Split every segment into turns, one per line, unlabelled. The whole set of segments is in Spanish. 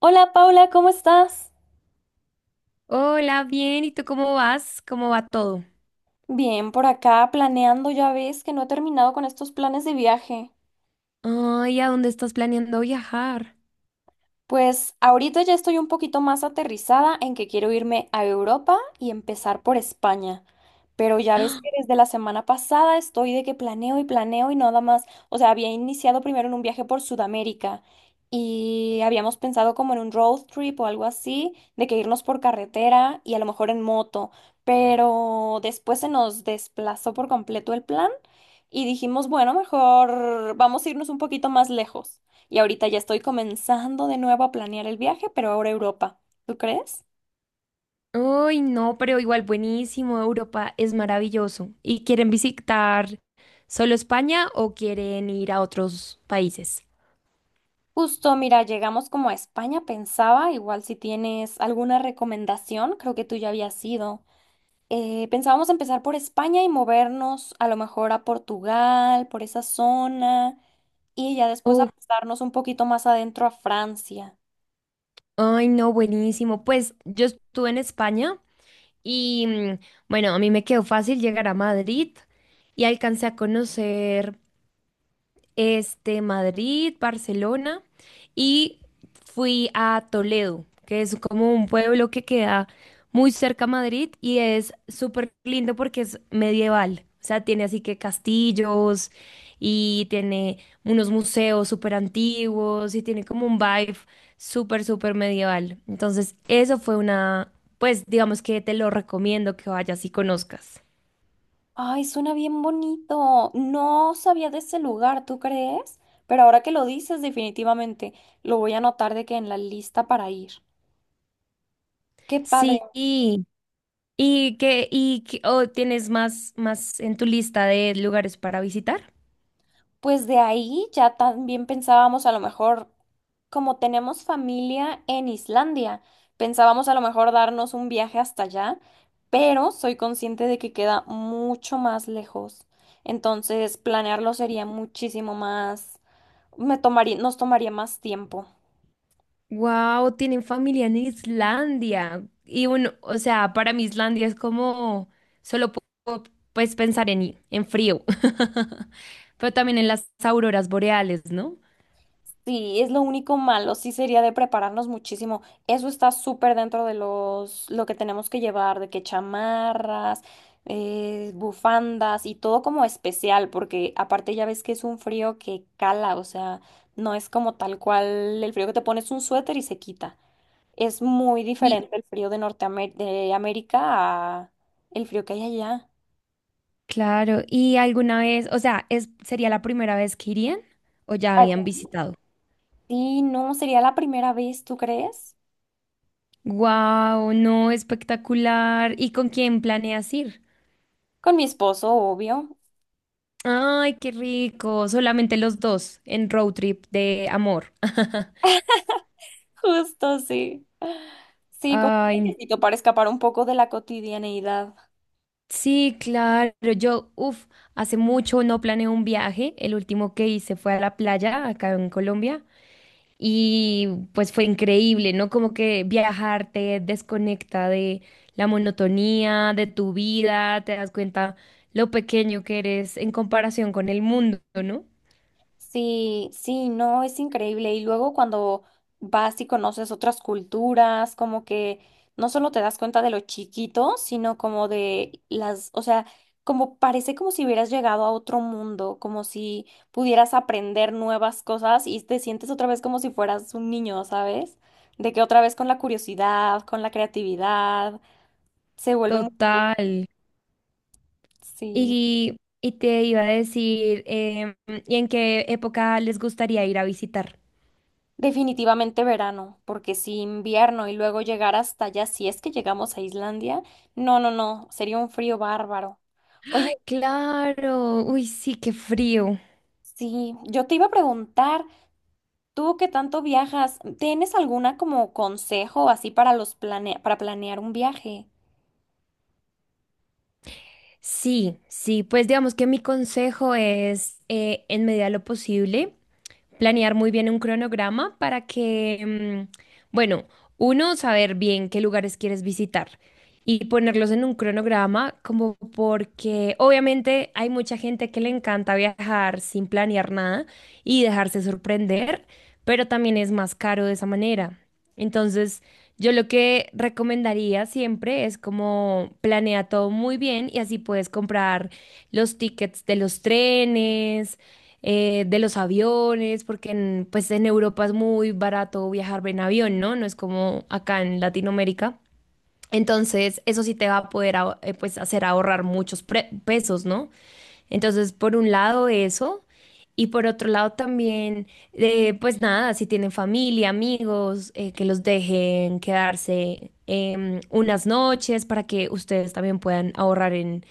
Hola Paula, ¿cómo estás?
Hola, bien, ¿y tú cómo vas? ¿Cómo va todo?
Bien, por acá planeando, ya ves que no he terminado con estos planes de viaje.
Ay, ¿a dónde estás planeando viajar?
Pues ahorita ya estoy un poquito más aterrizada en que quiero irme a Europa y empezar por España. Pero ya ves que desde la semana pasada estoy de que planeo y planeo y nada más. O sea, había iniciado primero en un viaje por Sudamérica y habíamos pensado como en un road trip o algo así, de que irnos por carretera y a lo mejor en moto. Pero después se nos desplazó por completo el plan y dijimos, bueno, mejor vamos a irnos un poquito más lejos. Y ahorita ya estoy comenzando de nuevo a planear el viaje, pero ahora a Europa. ¿Tú crees?
Ay, no, pero igual buenísimo, Europa es maravilloso. ¿Y quieren visitar solo España o quieren ir a otros países?
Justo, mira, llegamos como a España, pensaba, igual si tienes alguna recomendación, creo que tú ya habías ido. Pensábamos empezar por España y movernos a lo mejor a Portugal, por esa zona, y ya después a
Oh,
pasarnos un poquito más adentro a Francia.
ay, no, buenísimo. Pues yo estuve en España y bueno, a mí me quedó fácil llegar a Madrid y alcancé a conocer Madrid, Barcelona y fui a Toledo, que es como un pueblo que queda muy cerca a Madrid y es súper lindo porque es medieval. O sea, tiene así que castillos y tiene unos museos súper antiguos y tiene como un vibe súper, súper medieval. Entonces, eso fue una, pues digamos que te lo recomiendo que vayas y conozcas.
Ay, suena bien bonito. No sabía de ese lugar, ¿tú crees? Pero ahora que lo dices, definitivamente lo voy a anotar de que en la lista para ir. Qué padre.
Sí. ¿Y qué o tienes más en tu lista de lugares para visitar?
Pues de ahí ya también pensábamos a lo mejor, como tenemos familia en Islandia, pensábamos a lo mejor darnos un viaje hasta allá, pero soy consciente de que queda mucho más lejos. Entonces, planearlo sería muchísimo más, me tomaría, nos tomaría más tiempo.
Wow, tienen familia en Islandia. Y bueno, o sea, para mí Islandia es como solo puedo pues pensar en frío. Pero también en las auroras boreales, ¿no?
Sí, es lo único malo, sí sería de prepararnos muchísimo. Eso está súper dentro de los, lo que tenemos que llevar, de que chamarras, bufandas y todo como especial, porque aparte ya ves que es un frío que cala, o sea, no es como tal cual el frío que te pones un suéter y se quita. Es muy
Y
diferente el frío de Norteamérica, de América a el frío que hay allá.
claro, ¿y alguna vez, o sea, es, sería la primera vez que irían o ya
Allá.
habían visitado?
Sí, no, sería la primera vez, ¿tú crees?
Wow, no, espectacular. ¿Y con quién planeas ir?
Con mi esposo, obvio.
Ay, qué rico. Solamente los dos en road trip de amor.
Justo, sí. Sí, como un
Ay,
viajecito para escapar un poco de la cotidianeidad.
sí, claro. Yo, uff, hace mucho no planeé un viaje. El último que hice fue a la playa acá en Colombia. Y pues fue increíble, ¿no? Como que viajar te desconecta de la monotonía, de tu vida, te das cuenta lo pequeño que eres en comparación con el mundo, ¿no?
Sí, sí, no, es increíble. Y luego cuando vas y conoces otras culturas, como que no solo te das cuenta de lo chiquito, sino como de las, o sea, como parece como si hubieras llegado a otro mundo, como si pudieras aprender nuevas cosas y te sientes otra vez como si fueras un niño, ¿sabes? De que otra vez con la curiosidad, con la creatividad, se vuelve muy...
Total.
Sí.
Y, y te iba a decir, ¿y en qué época les gustaría ir a visitar?
Definitivamente verano, porque si invierno y luego llegar hasta allá, si es que llegamos a Islandia, no, no, no, sería un frío bárbaro. Oye,
Claro, uy, sí, qué frío.
sí, yo te iba a preguntar, tú que tanto viajas, ¿tienes alguna como consejo así para los plane para planear un viaje?
Sí, sí, pues digamos que mi consejo es, en medida de lo posible, planear muy bien un cronograma para que, bueno, uno, saber bien qué lugares quieres visitar y ponerlos en un cronograma, como porque obviamente hay mucha gente que le encanta viajar sin planear nada y dejarse sorprender, pero también es más caro de esa manera. Entonces, yo lo que recomendaría siempre es como planea todo muy bien y así puedes comprar los tickets de los trenes de los aviones, porque en, pues en Europa es muy barato viajar en avión, ¿no? No es como acá en Latinoamérica. Entonces, eso sí te va a poder pues hacer ahorrar muchos pesos, ¿no? Entonces, por un lado eso, y por otro lado también, pues nada, si tienen familia, amigos, que los dejen quedarse unas noches para que ustedes también puedan ahorrar en,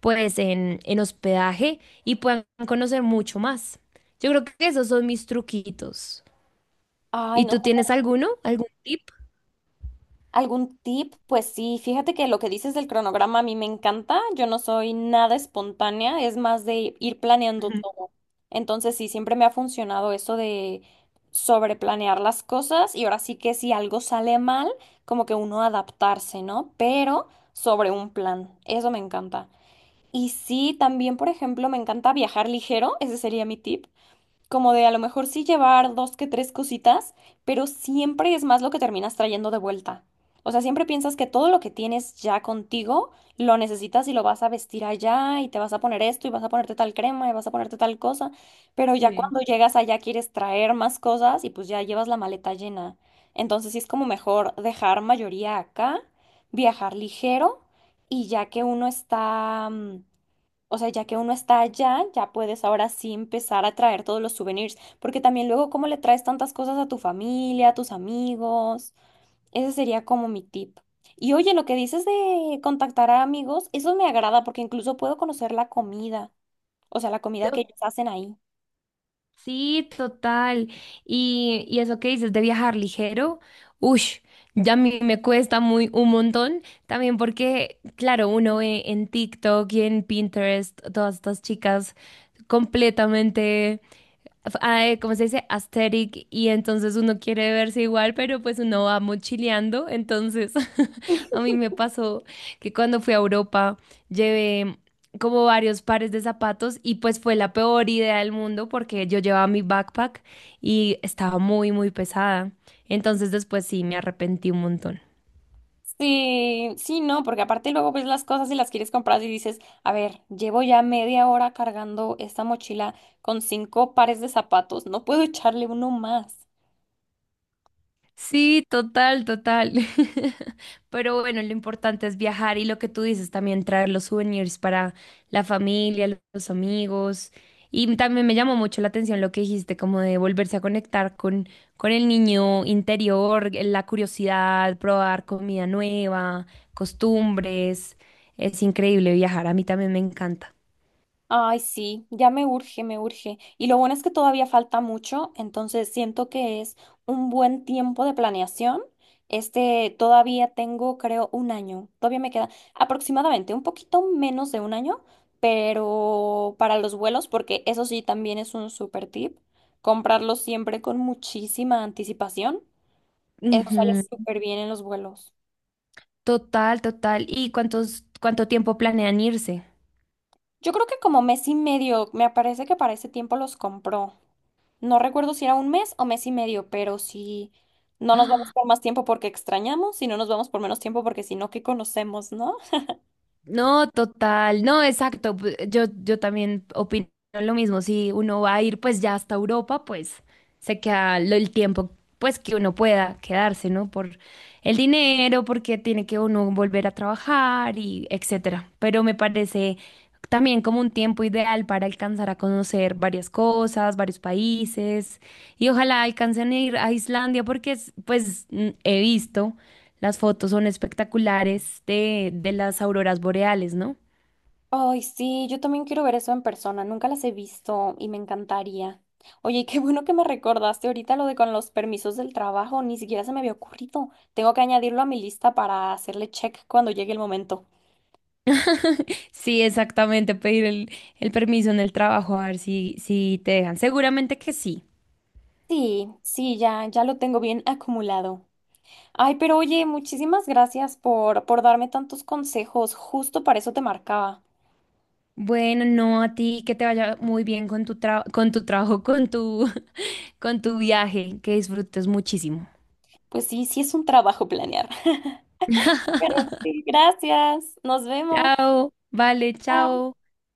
pues, en hospedaje y puedan conocer mucho más. Yo creo que esos son mis truquitos.
Ay,
¿Y
no
tú tienes alguno? ¿Algún tip?
¿Algún tip? Pues sí, fíjate que lo que dices del cronograma a mí me encanta. Yo no soy nada espontánea, es más de ir planeando todo. Entonces sí, siempre me ha funcionado eso de sobreplanear las cosas y ahora sí que si algo sale mal, como que uno adaptarse, ¿no? Pero sobre un plan, eso me encanta. Y sí, también, por ejemplo, me encanta viajar ligero, ese sería mi tip como de a lo mejor sí llevar dos que tres cositas, pero siempre es más lo que terminas trayendo de vuelta. O sea, siempre piensas que todo lo que tienes ya contigo lo necesitas y lo vas a vestir allá y te vas a poner esto y vas a ponerte tal crema y vas a ponerte tal cosa, pero ya
Sí.
cuando llegas allá quieres traer más cosas y pues ya llevas la maleta llena. Entonces sí es como mejor dejar mayoría acá, viajar ligero y ya que uno está... o sea, ya que uno está allá, ya puedes ahora sí empezar a traer todos los souvenirs, porque también luego cómo le traes tantas cosas a tu familia, a tus amigos. Ese sería como mi tip. Y oye, lo que dices de contactar a amigos, eso me agrada porque incluso puedo conocer la comida, o sea, la comida que ellos hacen ahí.
Sí, total. Y eso que dices de viajar ligero, uff, ya a mí me cuesta muy un montón. También porque, claro, uno ve en TikTok y en Pinterest todas estas chicas completamente ay, ¿cómo se dice? Aesthetic, y entonces uno quiere verse igual, pero pues uno va mochileando. Entonces, a mí me pasó que cuando fui a Europa llevé como varios pares de zapatos y pues fue la peor idea del mundo porque yo llevaba mi backpack y estaba muy, muy pesada. Entonces después sí, me arrepentí un montón.
Sí, sí, no, porque aparte luego ves las cosas y las quieres comprar y dices, a ver, llevo ya media hora cargando esta mochila con 5 pares de zapatos, no puedo echarle uno más.
Sí, total, total. Pero bueno, lo importante es viajar y lo que tú dices también, traer los souvenirs para la familia, los amigos. Y también me llamó mucho la atención lo que dijiste, como de volverse a conectar con el niño interior, la curiosidad, probar comida nueva, costumbres. Es increíble viajar, a mí también me encanta.
Ay, sí, ya me urge, me urge. Y lo bueno es que todavía falta mucho, entonces siento que es un buen tiempo de planeación. Todavía tengo, creo, un año. Todavía me queda aproximadamente un poquito menos de un año, pero para los vuelos, porque eso sí también es un super tip, comprarlos siempre con muchísima anticipación. Eso sale
Ujú.
súper bien en los vuelos.
Total, total. Y ¿cuánto tiempo planean irse?
Yo creo que como mes y medio, me parece que para ese tiempo los compró. No recuerdo si era un mes o mes y medio, pero sí, no nos vamos por más tiempo porque extrañamos y no nos vamos por menos tiempo porque si no, ¿qué conocemos, no?
No, total, no, exacto. Yo, yo también opino lo mismo. Si uno va a ir pues ya hasta Europa, pues se queda el tiempo pues que uno pueda quedarse, ¿no? Por el dinero, porque tiene que uno volver a trabajar y etcétera. Pero me parece también como un tiempo ideal para alcanzar a conocer varias cosas, varios países y ojalá alcancen a ir a Islandia porque pues he visto. Las fotos son espectaculares de las auroras boreales, ¿no?
Ay, sí, yo también quiero ver eso en persona, nunca las he visto y me encantaría. Oye, y qué bueno que me recordaste ahorita lo de con los permisos del trabajo, ni siquiera se me había ocurrido. Tengo que añadirlo a mi lista para hacerle check cuando llegue el momento.
Sí, exactamente, pedir el permiso en el trabajo, a ver si, si te dejan. Seguramente que sí.
Sí, sí, ya, ya lo tengo bien acumulado. Ay, pero oye, muchísimas gracias por darme tantos consejos, justo para eso te marcaba.
Bueno, no a ti, que te vaya muy bien con tu con tu trabajo, con tu, con tu viaje, que disfrutes muchísimo.
Pues sí, sí es un trabajo planear. Pero sí, gracias. Nos vemos.
Chao, vale, chao.
Chao.